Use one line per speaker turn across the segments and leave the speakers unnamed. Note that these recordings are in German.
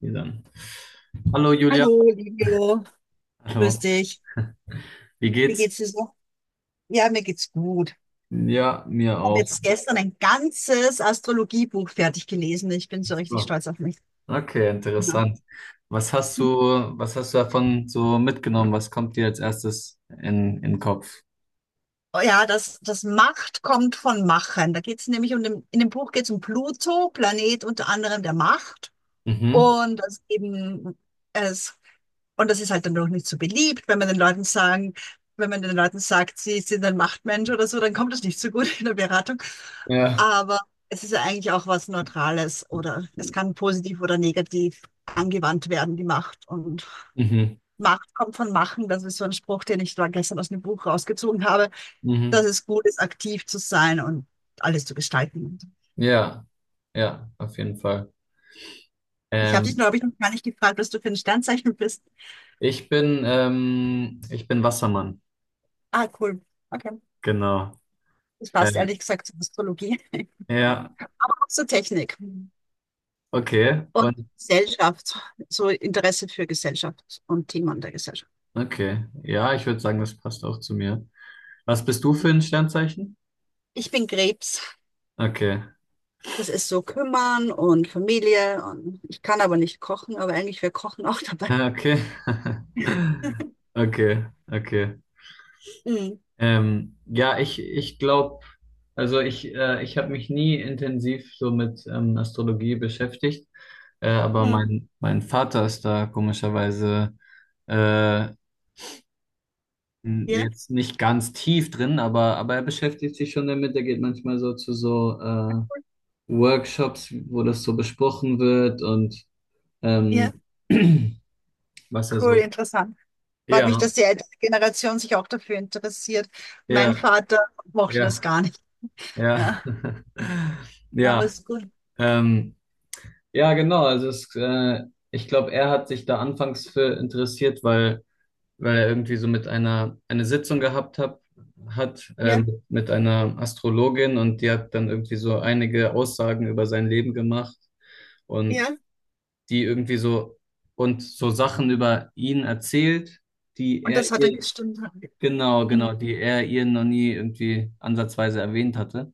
Ja, dann. Hallo Julia.
Hallo, Livio. Grüß
Hallo.
dich.
Wie
Wie
geht's?
geht's dir so? Ja, mir geht's gut. Ich
Ja, mir
habe
auch.
jetzt gestern ein ganzes Astrologiebuch fertig gelesen. Ich bin so richtig
So.
stolz auf mich.
Okay,
Ja,
interessant. Was hast du, was hast du davon so mitgenommen? Was kommt dir als erstes in den Kopf?
oh ja das Macht kommt von Machen. Da geht's in dem Buch geht's um Pluto, Planet unter anderem der Macht.
Mhm.
Und dass eben es, und das ist halt dann doch nicht so beliebt, wenn man den Leuten sagen, wenn man den Leuten sagt, sie sind ein Machtmensch oder so, dann kommt das nicht so gut in der Beratung.
Ja,
Aber es ist ja eigentlich auch was Neutrales, oder es kann positiv oder negativ angewandt werden, die Macht. Und
Mhm.
Macht kommt von Machen. Das ist so ein Spruch, den ich da gestern aus dem Buch rausgezogen habe, dass
Mhm.
es gut ist, aktiv zu sein und alles zu gestalten.
Ja, ja, auf jeden Fall.
Ich habe dich,
Ähm,
glaube ich, noch gar nicht gefragt, was du für ein Sternzeichen bist.
ich bin Wassermann.
Ah, cool. Okay.
Genau.
Das
Äh,
passt ehrlich gesagt zur Astrologie,
ja,
zur Technik
okay.
und
Und
Gesellschaft, so Interesse für Gesellschaft und Themen der Gesellschaft.
okay. Ja, ich würde sagen, das passt auch zu mir. Was bist du für ein Sternzeichen?
Ich bin Krebs.
Okay.
Das ist so kümmern und Familie, und ich kann aber nicht kochen, aber eigentlich wäre Kochen auch dabei.
Ah, okay. Okay, okay.
Mhm.
Ja, ich glaube, also ich habe mich nie intensiv so mit Astrologie beschäftigt, aber
Mhm.
mein Vater ist da komischerweise äh,
Ja,
jetzt nicht ganz tief drin, aber er beschäftigt sich schon damit. Er geht manchmal so zu so Workshops, wo das so besprochen wird und
ja,
ähm, was er
cool,
so.
interessant. Freut mich, dass
Ja,
die ältere Generation sich auch dafür interessiert. Mein
ja,
Vater mochte das
ja.
gar nicht.
Ja,
Ja, ja, aber
ja,
es ist gut.
ähm, ja, genau. Also ich glaube, er hat sich da anfangs für interessiert, weil er irgendwie so mit einer eine Sitzung gehabt hab, hat
Ja,
ähm, mit einer Astrologin und die hat dann irgendwie so einige Aussagen über sein Leben gemacht und
ja.
die irgendwie so und so Sachen über ihn erzählt, die
Und
er
das hat dann
ihr
gestimmt.
Genau, genau,
Mhm.
die er ihr noch nie irgendwie ansatzweise erwähnt hatte.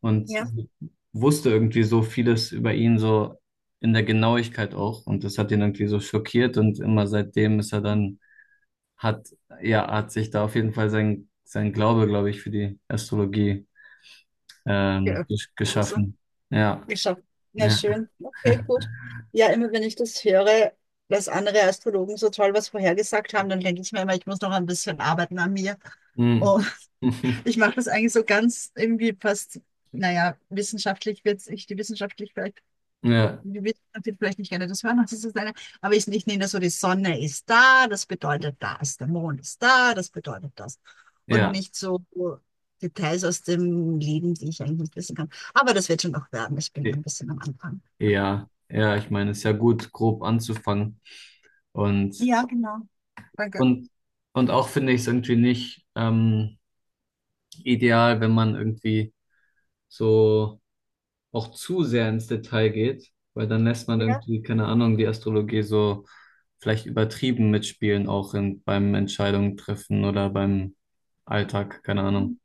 Und
Ja.
sie wusste irgendwie so vieles über ihn, so in der Genauigkeit auch. Und das hat ihn irgendwie so schockiert. Und immer seitdem ist er dann, hat, ja, hat sich da auf jeden Fall sein Glaube, glaube ich, für die Astrologie ähm,
Ja,
gesch-
oder so.
geschaffen. Ja,
Ich sag, na
ja.
schön, okay, gut. Ja, immer wenn ich das höre, dass andere Astrologen so toll was vorhergesagt haben, dann denke ich mir immer, ich muss noch ein bisschen arbeiten an mir.
Hm.
Und ich mache das eigentlich so ganz irgendwie fast, naja, wissenschaftlich wird es, ich die wissenschaftlich vielleicht
Ja,
die wissen natürlich vielleicht nicht gerne das hören, was ist das eine, aber ich nehme das so, die Sonne ist da, das bedeutet das, der Mond ist da, das bedeutet das. Und
ja,
nicht so Details aus dem Leben, die ich eigentlich nicht wissen kann. Aber das wird schon noch werden, ich bin ein bisschen am Anfang.
ja, ja, ich meine, es ist ja gut, grob anzufangen. Und
Ja, genau. Danke.
Und, und auch finde ich es irgendwie nicht ideal, wenn man irgendwie so auch zu sehr ins Detail geht, weil dann lässt man
Ja,
irgendwie, keine Ahnung, die Astrologie so vielleicht übertrieben mitspielen, auch beim Entscheidungen treffen oder beim Alltag, keine Ahnung.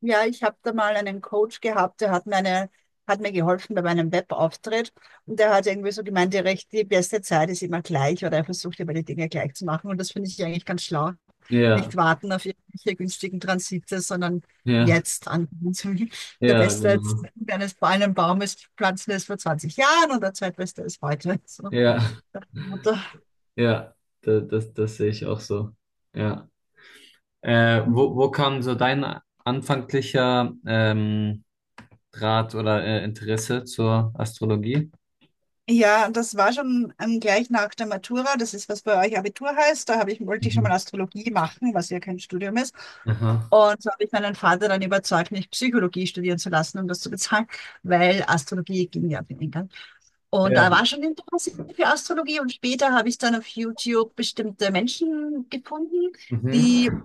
ja, ich habe da mal einen Coach gehabt, hat mir geholfen bei meinem Webauftritt, und der hat irgendwie so gemeint, die beste Zeit ist immer gleich, oder er versucht immer die Dinge gleich zu machen, und das finde ich eigentlich ganz schlau. Nicht
Ja,
warten auf irgendwelche günstigen Transite, sondern
ja,
jetzt anfangen. Der
ja,
Beste jetzt
genau.
eines fallenden Baumes pflanzen ist vor 20 Jahren, und der zweitbeste ist heute. So.
Ja,
Nach
ja, das sehe ich auch so. Ja. Wo kam so dein anfänglicher Draht oder Interesse zur Astrologie?
ja, das war schon gleich nach der Matura. Das ist, was bei euch Abitur heißt. Da habe ich, wollte ich schon mal
Mhm.
Astrologie machen, was ja kein Studium ist.
Aha.
Und so habe ich meinen Vater dann überzeugt, mich Psychologie studieren zu lassen, um das zu bezahlen, weil Astrologie ging ja auf den England. Und da
Ja.
war schon Interesse für Astrologie, und später habe ich dann auf YouTube bestimmte Menschen gefunden, die,
Mhm.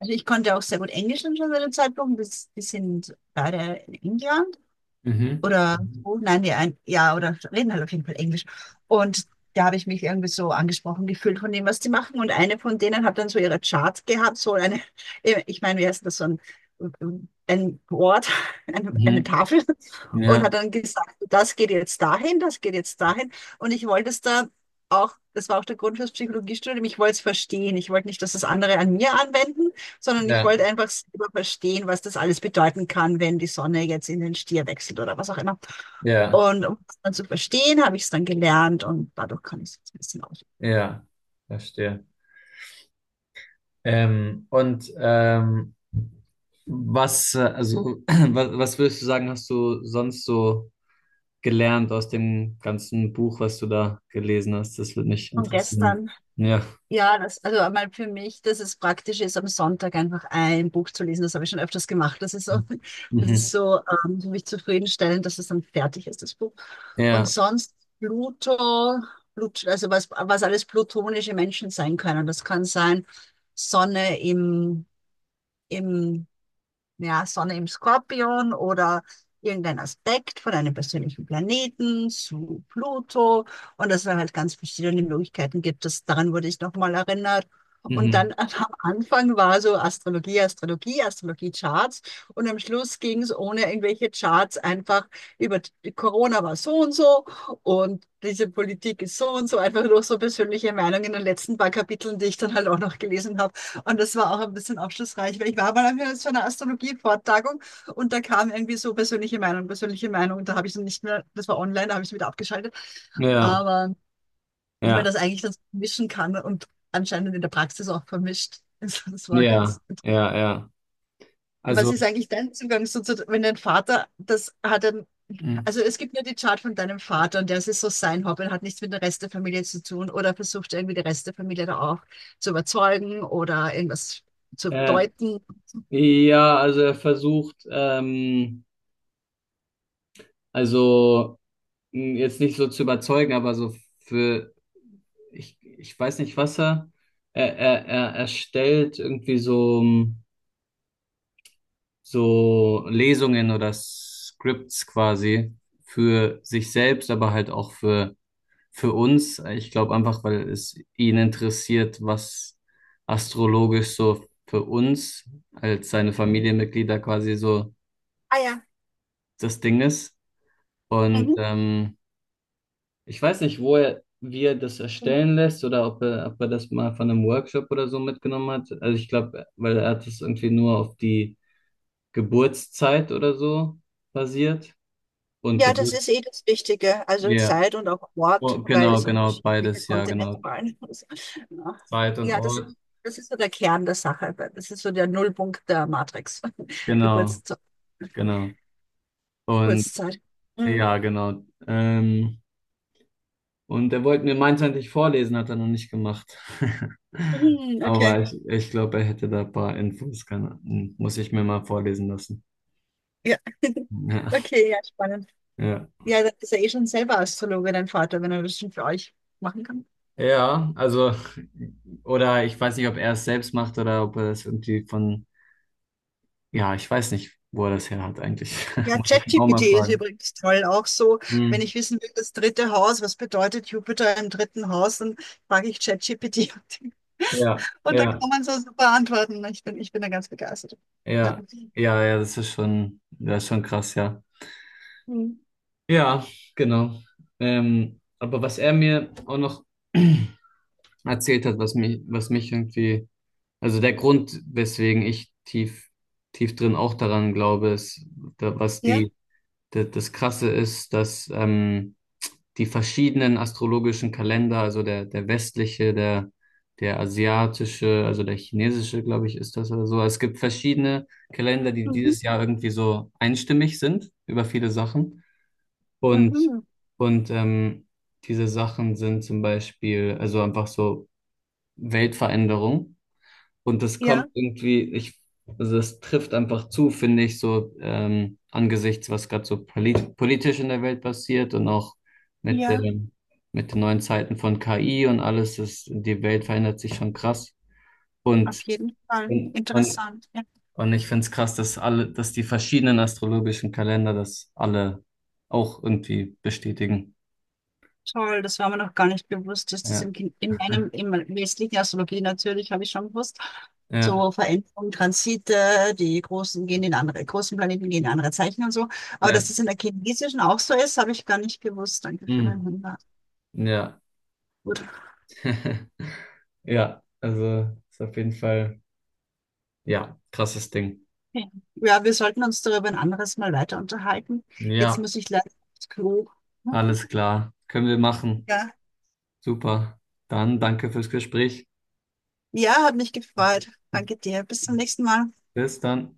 also ich konnte auch sehr gut Englisch schon zu dem Zeitpunkt, das, die sind beide in England
Mhm.
oder so, nein, nee, ein, ja, oder reden halt auf jeden Fall Englisch. Und da habe ich mich irgendwie so angesprochen gefühlt von dem, was die machen. Und eine von denen hat dann so ihre Charts gehabt, so eine, ich meine, wie heißt das, so ein Board, eine
Mhm.
Tafel. Und hat
Ja,
dann gesagt, das geht jetzt dahin, das geht jetzt dahin. Und ich wollte es da auch, das war auch der Grund fürs Psychologiestudium, ich wollte es verstehen. Ich wollte nicht, dass das andere an mir anwenden, sondern ich
ja,
wollte einfach selber verstehen, was das alles bedeuten kann, wenn die Sonne jetzt in den Stier wechselt oder was auch immer.
ja,
Und um das dann zu verstehen, habe ich es dann gelernt, und dadurch kann ich es jetzt ein bisschen aus.
ja, verstehe. Ähm, und ähm, also, was würdest du sagen, hast du sonst so gelernt aus dem ganzen Buch, was du da gelesen hast? Das würde mich
Und
interessieren.
gestern,
Ja.
ja, das, also einmal für mich, dass es praktisch ist, am Sonntag einfach ein Buch zu lesen. Das habe ich schon öfters gemacht. Das ist so, das
Mhm.
ist so für mich zufriedenstellend, dass es dann fertig ist, das Buch. Und
Ja.
sonst Pluto, Plut, also was, was alles plutonische Menschen sein können. Das kann sein Sonne im im, ja, Sonne im Skorpion oder irgendein Aspekt von einem persönlichen Planeten zu Pluto, und dass es halt ganz verschiedene Möglichkeiten gibt. Das, daran wurde ich nochmal erinnert. Und dann
Mhm.
am Anfang war so Astrologie, Astrologie, Astrologie-Charts, und am Schluss ging es ohne irgendwelche Charts einfach über die- Corona war so und so, und diese Politik ist so und so, einfach nur so persönliche Meinungen in den letzten paar Kapiteln, die ich dann halt auch noch gelesen habe. Und das war auch ein bisschen aufschlussreich, weil ich war mal auf so einer Astrologie-Vortragung, und da kam irgendwie so persönliche Meinung, persönliche Meinung. Da habe ich dann nicht mehr, das war online, da habe ich es wieder abgeschaltet.
Ja.
Aber wie man
Ja.
das eigentlich dann mischen kann und anscheinend in der Praxis auch vermischt. Also das war
Ja.
ganz cool.
Ja. Ja.
Was
Also.
ist eigentlich dein Zugang so zu, wenn dein Vater, das hat dann,
Mhm.
also es gibt nur die Chart von deinem Vater, und der ist so sein Hobby, hat nichts mit der Rest der Familie zu tun, oder versucht irgendwie die Rest der Familie da auch zu überzeugen oder irgendwas zu
Äh,
deuten.
ja, also er versucht, also jetzt nicht so zu überzeugen, aber so für, ich weiß nicht, was er, er erstellt irgendwie so, so Lesungen oder Scripts quasi für sich selbst, aber halt auch für uns. Ich glaube einfach, weil es ihn interessiert, was astrologisch so für uns als seine Familienmitglieder quasi so
Ah ja.
das Ding ist. Und
Mhm.
ich weiß nicht, wie er das erstellen lässt oder ob er das mal von einem Workshop oder so mitgenommen hat. Also ich glaube, weil er hat das irgendwie nur auf die Geburtszeit oder so basiert. Und
Ja, das ist eh das Wichtige. Also
Ja,
Zeit und auch Ort,
oh,
weil
genau,
es
genau,
unterschiedliche
beides, ja,
Kontinente
genau.
waren. Muss. Ja,
Zeit und
ja,
Ort,
das ist so der Kern der Sache. Das ist so der Nullpunkt der Matrix.
genau,
Geburtszeit.
genau. Und
Geburtszeit. Mhm.
ja, genau. Und er wollte mir meins eigentlich vorlesen, hat er noch nicht gemacht.
Mhm, okay.
Aber ich glaube, er hätte da ein paar Infos. Muss ich mir mal vorlesen lassen.
Ja.
Ja,
Okay, ja, spannend.
ja.
Ja, das ist ja eh schon selber Astrologe, dein Vater, wenn er das schon für euch machen kann.
Ja, also, oder ich weiß nicht, ob er es selbst macht oder ob er das irgendwie ja, ich weiß nicht, wo er das her hat eigentlich.
Ja,
Muss ich ihn auch
ChatGPT
mal
ist
fragen.
übrigens toll. Auch so, wenn
Hm.
ich wissen will, das dritte Haus, was bedeutet Jupiter im dritten Haus, dann frage ich ChatGPT.
Ja,
Und da
ja,
kann man so super antworten. Ich bin da ganz begeistert. Ja.
ja, ja, ja, das ist schon krass, ja.
Mhm.
Ja, genau. Aber was er mir auch noch erzählt hat, was mich irgendwie, also der Grund, weswegen ich tief drin auch daran glaube, ist, da, was
Ja.
die, da, das Krasse ist, dass die verschiedenen astrologischen Kalender, der westliche, der asiatische, also der chinesische, glaube ich, ist das oder so. Es gibt verschiedene Kalender, die
Mhm.
dieses Jahr irgendwie so einstimmig sind über viele Sachen. Und,
Mhm.
und ähm, diese Sachen sind zum Beispiel, also einfach so Weltveränderung. Und das kommt
Ja,
irgendwie, also das trifft einfach zu, finde ich, so angesichts, was gerade so politisch in der Welt passiert und auch mit
ja,
dem, mit den neuen Zeiten von KI und alles, ist, die Welt verändert sich schon krass.
auf
Und,
jeden Fall.
und, und,
Interessant. Ja.
und ich finde es krass, dass alle, dass die verschiedenen astrologischen Kalender das alle auch irgendwie bestätigen.
Toll, das war mir noch gar nicht bewusst, dass das
Ja,
im, Kin- in meinem, im westlichen Astrologie natürlich, habe ich schon gewusst,
ja,
so Veränderungen, Transite, die großen gehen in andere, großen Planeten gehen in andere Zeichen und so. Aber
ja,
dass das in der chinesischen auch so ist, habe ich gar nicht gewusst. Danke für
mm,
deinen Hinweis.
ja.
Gut.
Ja, also ist auf jeden Fall. Ja, krasses Ding.
Okay. Ja, wir sollten uns darüber ein anderes Mal weiter unterhalten. Jetzt
Ja,
muss ich leider aufs Klo.
alles klar. Können wir machen.
Ja,
Super. Dann danke fürs Gespräch.
ja, hat mich gefreut. Danke dir. Bis zum nächsten Mal.
Bis dann.